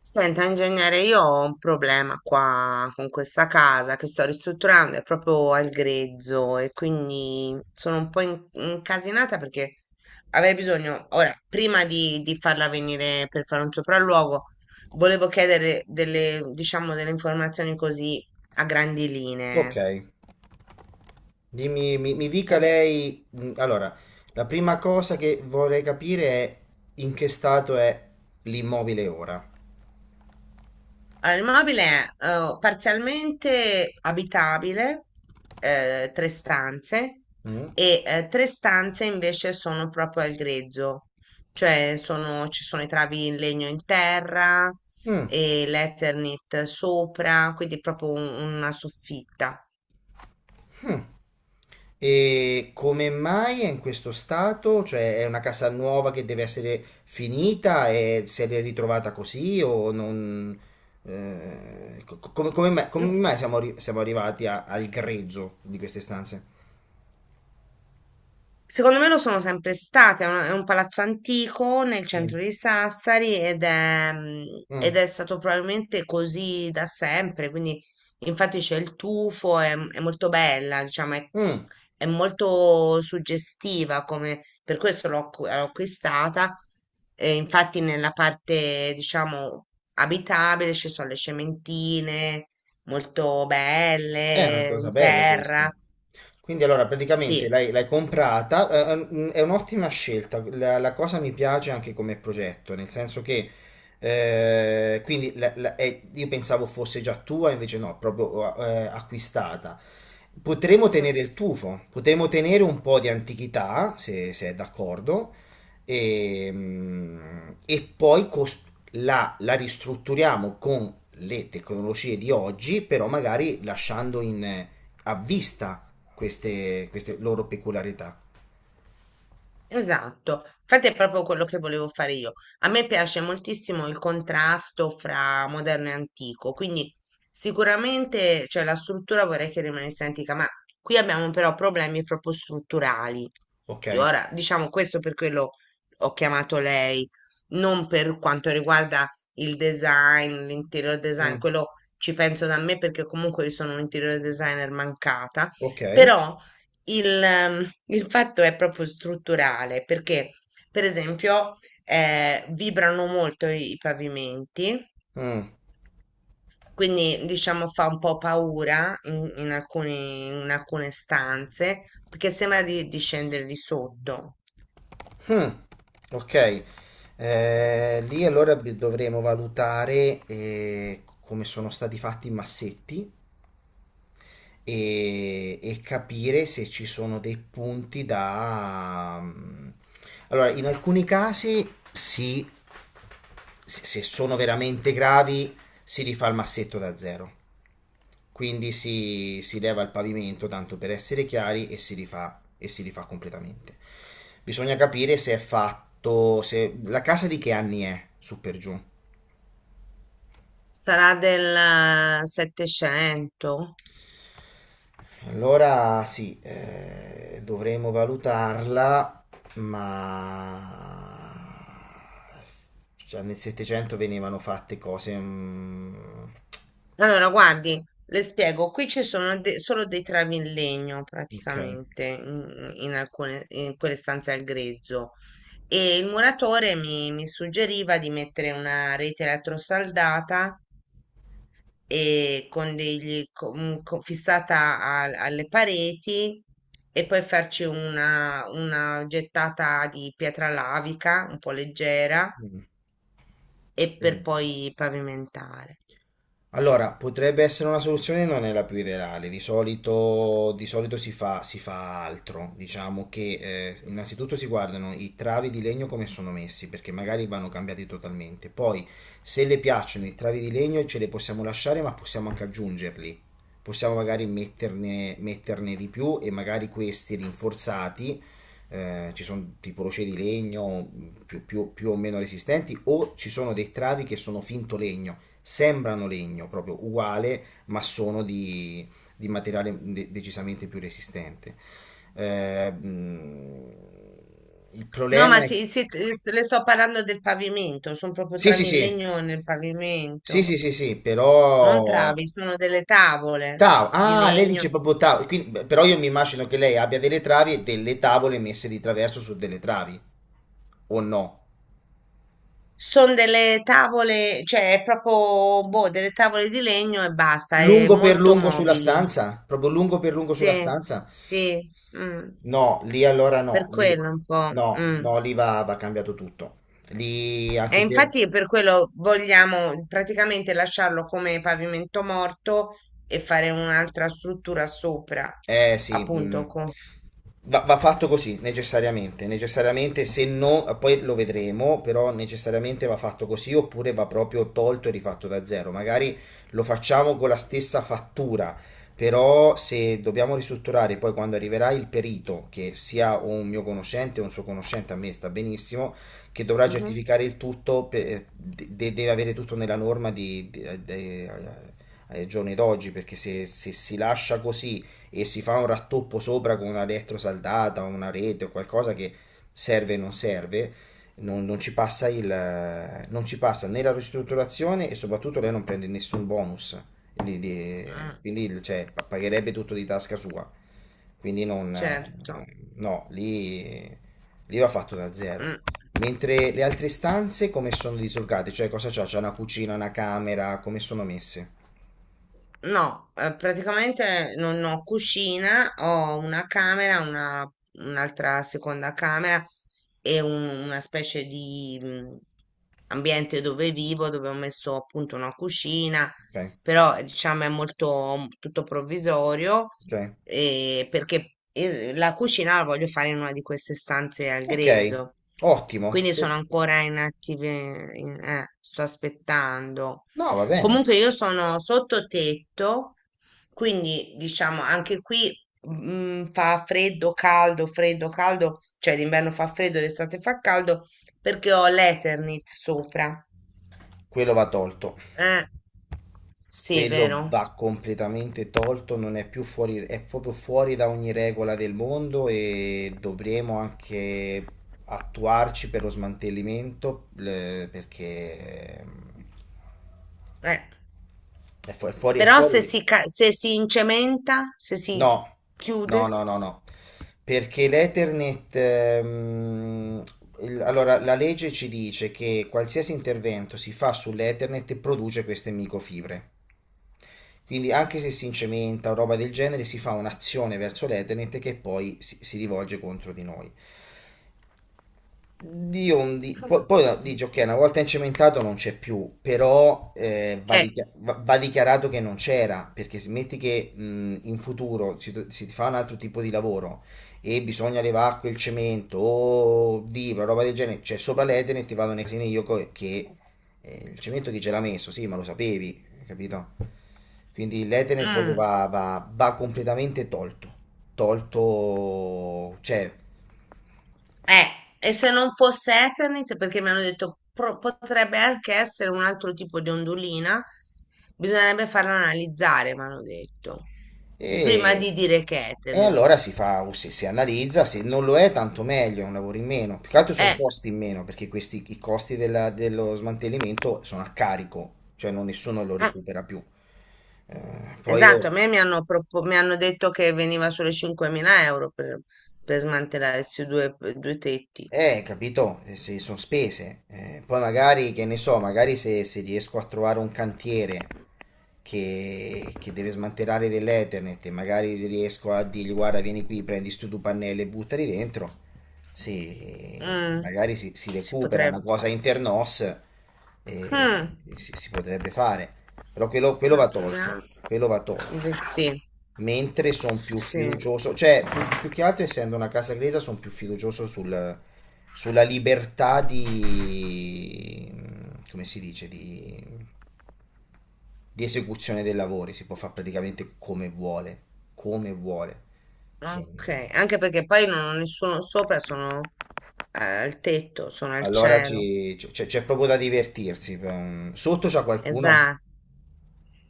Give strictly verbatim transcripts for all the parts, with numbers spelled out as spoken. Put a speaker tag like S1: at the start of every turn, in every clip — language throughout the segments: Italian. S1: Senta, ingegnere, io ho un problema qua con questa casa che sto ristrutturando, è proprio al grezzo e quindi sono un po' in- incasinata, perché avrei bisogno, ora, prima di, di farla venire per fare un sopralluogo, volevo chiedere delle, diciamo, delle informazioni così a grandi
S2: Ok,
S1: linee.
S2: dimmi, mi, mi dica lei. mh, Allora, la prima cosa che vorrei capire è in che stato è l'immobile ora.
S1: Allora, il mobile è eh, parzialmente abitabile, eh, tre stanze,
S2: Mm?
S1: e eh, tre stanze invece sono proprio al grezzo, cioè sono- ci sono i travi in legno in terra
S2: Mm,
S1: e l'Eternit sopra, quindi proprio un- una soffitta.
S2: mm. E come mai è in questo stato? Cioè, è una casa nuova che deve essere finita e se l'è ritrovata così o non. Eh, co- co- come, come mai, come mai siamo, arri- siamo arrivati a- al grezzo di queste stanze?
S1: Secondo me lo sono sempre state, è un, è un palazzo antico nel
S2: Mm.
S1: centro di Sassari, ed è, mm,
S2: Mm.
S1: ed è stato probabilmente così da sempre, quindi infatti c'è il tufo, è, è molto bella, diciamo, è,
S2: Mm.
S1: è molto suggestiva, come, per questo l'ho acqu- l'ho acquistata, e infatti nella parte, diciamo, abitabile ci sono le cementine molto
S2: È una
S1: belle,
S2: cosa
S1: in
S2: bella
S1: terra,
S2: questa. Quindi allora praticamente
S1: sì.
S2: l'hai l'hai comprata, eh, mm, è un'ottima scelta, la, la cosa mi piace anche come progetto, nel senso che eh, quindi la- la- è- io pensavo fosse già tua, invece no, proprio eh, eh, acquistata. Potremmo tenere il tufo, potremmo tenere un po' di antichità, se, se è d'accordo, e, mm, e poi cos- la, la ristrutturiamo con le tecnologie di oggi, però magari lasciando in, a vista queste, queste loro peculiarità.
S1: Esatto, infatti è proprio quello che volevo fare io. A me piace moltissimo il contrasto fra moderno e antico, quindi sicuramente, cioè, la struttura vorrei che rimanesse antica, ma qui abbiamo però problemi proprio strutturali.
S2: Ok?
S1: Ora, diciamo questo per quello ho chiamato lei, non per quanto riguarda il design, l'interior design,
S2: Mm.
S1: quello ci penso da me perché comunque io sono un interior designer mancata,
S2: Ok?
S1: però il, ehm, il fatto è proprio strutturale, perché per esempio, eh, vibrano molto i, i pavimenti,
S2: Mm.
S1: quindi diciamo fa un po' paura in, in alcuni- in alcune stanze perché sembra di, di scendere di sotto.
S2: Ok. Eh, lì allora bi- dovremo valutare eh, come sono stati fatti i massetti e, e capire se ci sono dei punti da... mm, Allora, in alcuni casi si, se se sono veramente gravi, si rifà il massetto da zero. Quindi si, si leva il pavimento tanto per essere chiari e si rifà, e si rifà completamente. Bisogna capire se è fatto, se la casa di che anni è su per giù.
S1: Sarà del eh, settecento?
S2: Allora sì, eh, dovremo valutarla, ma già nel settecento venivano fatte cose... mm,
S1: Allora, guardi, le spiego, qui ci sono de- solo dei travi in legno
S2: Ok.
S1: praticamente in, in alcune, in quelle stanze al grezzo, e il muratore mi, mi suggeriva di mettere una rete elettrosaldata e con degli, co- mm, co- fissata al- alle pareti e poi farci una, una gettata di pietra lavica un po' leggera
S2: Mm.
S1: e per
S2: Mm.
S1: poi pavimentare.
S2: Allora, potrebbe essere una soluzione, non è la più ideale, di solito, di solito si fa, si fa altro, diciamo che eh, innanzitutto si guardano i travi di legno come sono messi, perché magari vanno cambiati totalmente, poi se le piacciono i travi di legno ce le possiamo lasciare, ma possiamo anche aggiungerli, possiamo magari metterne, metterne di più e magari questi rinforzati, eh, ci sono tipo rocce di legno mh, più, più più o meno resistenti, o ci sono dei travi che sono finto legno. Sembrano legno proprio uguale, ma sono di, di materiale de- decisamente più resistente. Eh, mh, il
S1: No,
S2: problema
S1: ma
S2: è...
S1: sì, sì, eh, s- le sto parlando del pavimento, sono proprio
S2: Sì, sì,
S1: travi in
S2: sì,
S1: legno nel
S2: sì,
S1: pavimento,
S2: sì, sì, sì,
S1: non
S2: però...
S1: travi, sono delle tavole
S2: Tau,
S1: di
S2: ah, lei
S1: legno,
S2: dice proprio tau, quindi- beh, però io mi immagino che lei abbia delle travi e delle tavole messe di traverso su delle travi, o no?
S1: sono delle tavole, cioè è proprio, boh, delle tavole di legno e basta, è
S2: Lungo per
S1: molto
S2: lungo sulla
S1: mobili.
S2: stanza, proprio lungo per lungo sulla
S1: Sì,
S2: stanza.
S1: sì, mm,
S2: No, lì allora no,
S1: per
S2: lì
S1: quello un po'.
S2: no,
S1: Mm.
S2: no, lì va, va cambiato tutto. Lì
S1: E
S2: anche per,
S1: infatti per quello vogliamo praticamente lasciarlo come pavimento morto e fare un'altra struttura sopra,
S2: eh sì,
S1: appunto.
S2: mh. Va, va fatto così, necessariamente, necessariamente, se no, poi lo vedremo, però necessariamente va fatto così oppure va proprio tolto e rifatto da zero. Magari lo facciamo con la stessa fattura, però se dobbiamo ristrutturare poi quando arriverà il perito, che sia un mio conoscente o un suo conoscente, a me sta benissimo, che dovrà
S1: Mh-mh.
S2: certificare il tutto, pe- eh, de- deve avere tutto nella norma di, di- de- ai giorni d'oggi, perché se se si lascia così e si fa un rattoppo sopra con una elettrosaldata o una rete o qualcosa che serve o non serve, non, non ci passa il, non ci passa né la ristrutturazione e soprattutto lei non prende nessun bonus, di- di-
S1: Mh,
S2: quindi il- cioè, pa- pagherebbe tutto di tasca sua. Quindi non, eh,
S1: certo.
S2: no, lì, lì va fatto da zero.
S1: Mh.
S2: Mentre le altre stanze come sono disorgate? Cioè cosa c'ha? C'è una cucina, una camera, come sono messe?
S1: No, eh, praticamente non ho cucina, ho una camera, una- un'altra seconda camera e un- una specie di mm, ambiente dove vivo, dove ho messo appunto una cucina,
S2: Ok,
S1: però eh, diciamo è molto mm, tutto provvisorio,
S2: ok.
S1: eh, perché eh, la cucina la voglio fare in una di queste stanze al
S2: Ok,
S1: grezzo,
S2: ottimo.
S1: quindi sono ancora in attive, in- eh, sto aspettando.
S2: No, va bene.
S1: Comunque io sono sottotetto, quindi diciamo anche qui mm, fa freddo, caldo, freddo, caldo, cioè l'inverno fa freddo, l'estate fa caldo perché ho l'Eternit sopra.
S2: Quello va tolto.
S1: Eh, sì,
S2: Quello
S1: vero.
S2: va completamente tolto, non è più fuori, è proprio fuori da ogni regola del mondo e dovremo anche attuarci per lo smantellimento le- perché ehm,
S1: Eh,
S2: è fu- è fuori, è
S1: Però
S2: fuori.
S1: se si,
S2: legge.
S1: ca- se si incementa, se si
S2: No,
S1: chiude,
S2: no, no, no, no, perché l'Ethernet, ehm, il- allora la legge ci dice che qualsiasi intervento si fa sull'Ethernet produce queste microfibre. Quindi anche se si incementa o roba del genere, si fa un'azione verso l'Ethernet che poi si, si rivolge contro di noi. Di ondi, poi, poi dice ok, una volta incementato non c'è più, però eh, va,
S1: eh,
S2: dichia- va- va dichiarato che non c'era, perché se metti che mh, in futuro si, si fa un altro tipo di lavoro e bisogna levare quel cemento o vibra, roba del genere, c'è sopra l'Ethernet e ti vado nei casini io co- che eh, il cemento chi ce l'ha messo? Sì, ma lo sapevi, capito? Quindi l'Ethernet proprio
S1: mm,
S2: va, va va completamente tolto, tolto, cioè...
S1: Eh, e se non fosse Eternit, perché mi hanno detto pro- potrebbe anche essere un altro tipo di ondulina, bisognerebbe farla analizzare, mi hanno detto, prima
S2: E,
S1: di dire che è
S2: e
S1: Eternit.
S2: allora si fa, uh, si, si analizza, se non lo è tanto meglio, è un lavoro in meno. Più che altro sono
S1: Eh,
S2: costi in meno, perché questi, i costi della- dello smantellimento sono a carico, cioè non nessuno lo
S1: eh,
S2: recupera più. Eh, poi io,
S1: esatto, a me mi hanno, propo- mi hanno detto che veniva solo cinquemila euro per, per smantellare questi due, due tetti.
S2: eh, capito, Eh, sì, sono spese. Eh, poi magari, che ne so, magari se, se riesco a trovare un cantiere che, che deve smantellare dell'Ethernet e magari riesco a dirgli guarda vieni qui, prendi stu due pannelli e buttali dentro, sì,
S1: Mm,
S2: magari si, si
S1: si
S2: recupera una
S1: potrebbe.
S2: cosa internos e
S1: Mm,
S2: si, si potrebbe fare, però quello, quello
S1: ma
S2: va tolto,
S1: proviamo.
S2: quello va tolto.
S1: Ve- Sì,
S2: Mentre sono più
S1: sì.
S2: fiducioso, cioè più, più che altro essendo una casa inglese sono più fiducioso sul, sulla libertà di, come si dice, di di esecuzione dei lavori, si può fare praticamente come vuole, come vuole. So-
S1: Ok, anche perché poi non ho nessuno sopra, sono eh, al tetto, sono al
S2: Allora
S1: cielo.
S2: ci- c- c'è c'è proprio da divertirsi. per- Sotto c'è qualcuno?
S1: Esatto,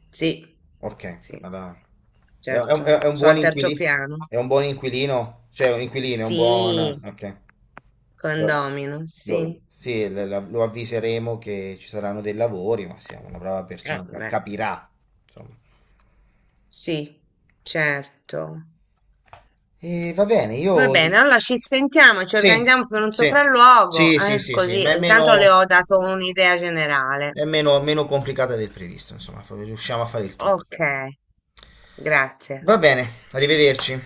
S1: sì,
S2: Ok,
S1: sì,
S2: allora. È, è un, è- è
S1: certo.
S2: un
S1: Sono
S2: buon
S1: al terzo
S2: inquilino?
S1: piano.
S2: È un buon inquilino? Cioè, un inquilino, è un buon...
S1: Sì,
S2: Ok. Lo,
S1: condomino, sì.
S2: lo- sì, la- la- lo avviseremo che ci saranno dei lavori, ma siamo una brava
S1: Eh,
S2: persona, ca-
S1: beh,
S2: capirà. Insomma.
S1: sì, certo.
S2: E va bene,
S1: Va
S2: io di...
S1: bene, allora ci sentiamo, ci
S2: Sì,
S1: organizziamo per un
S2: sì,
S1: sopralluogo,
S2: sì, sì,
S1: eh,
S2: sì, sì,
S1: così
S2: ma è
S1: intanto le
S2: meno,
S1: ho dato un'idea generale.
S2: è meno, meno complicata del previsto, insomma, fa- riusciamo a fare il tutto.
S1: Ok, grazie.
S2: Va bene, arrivederci.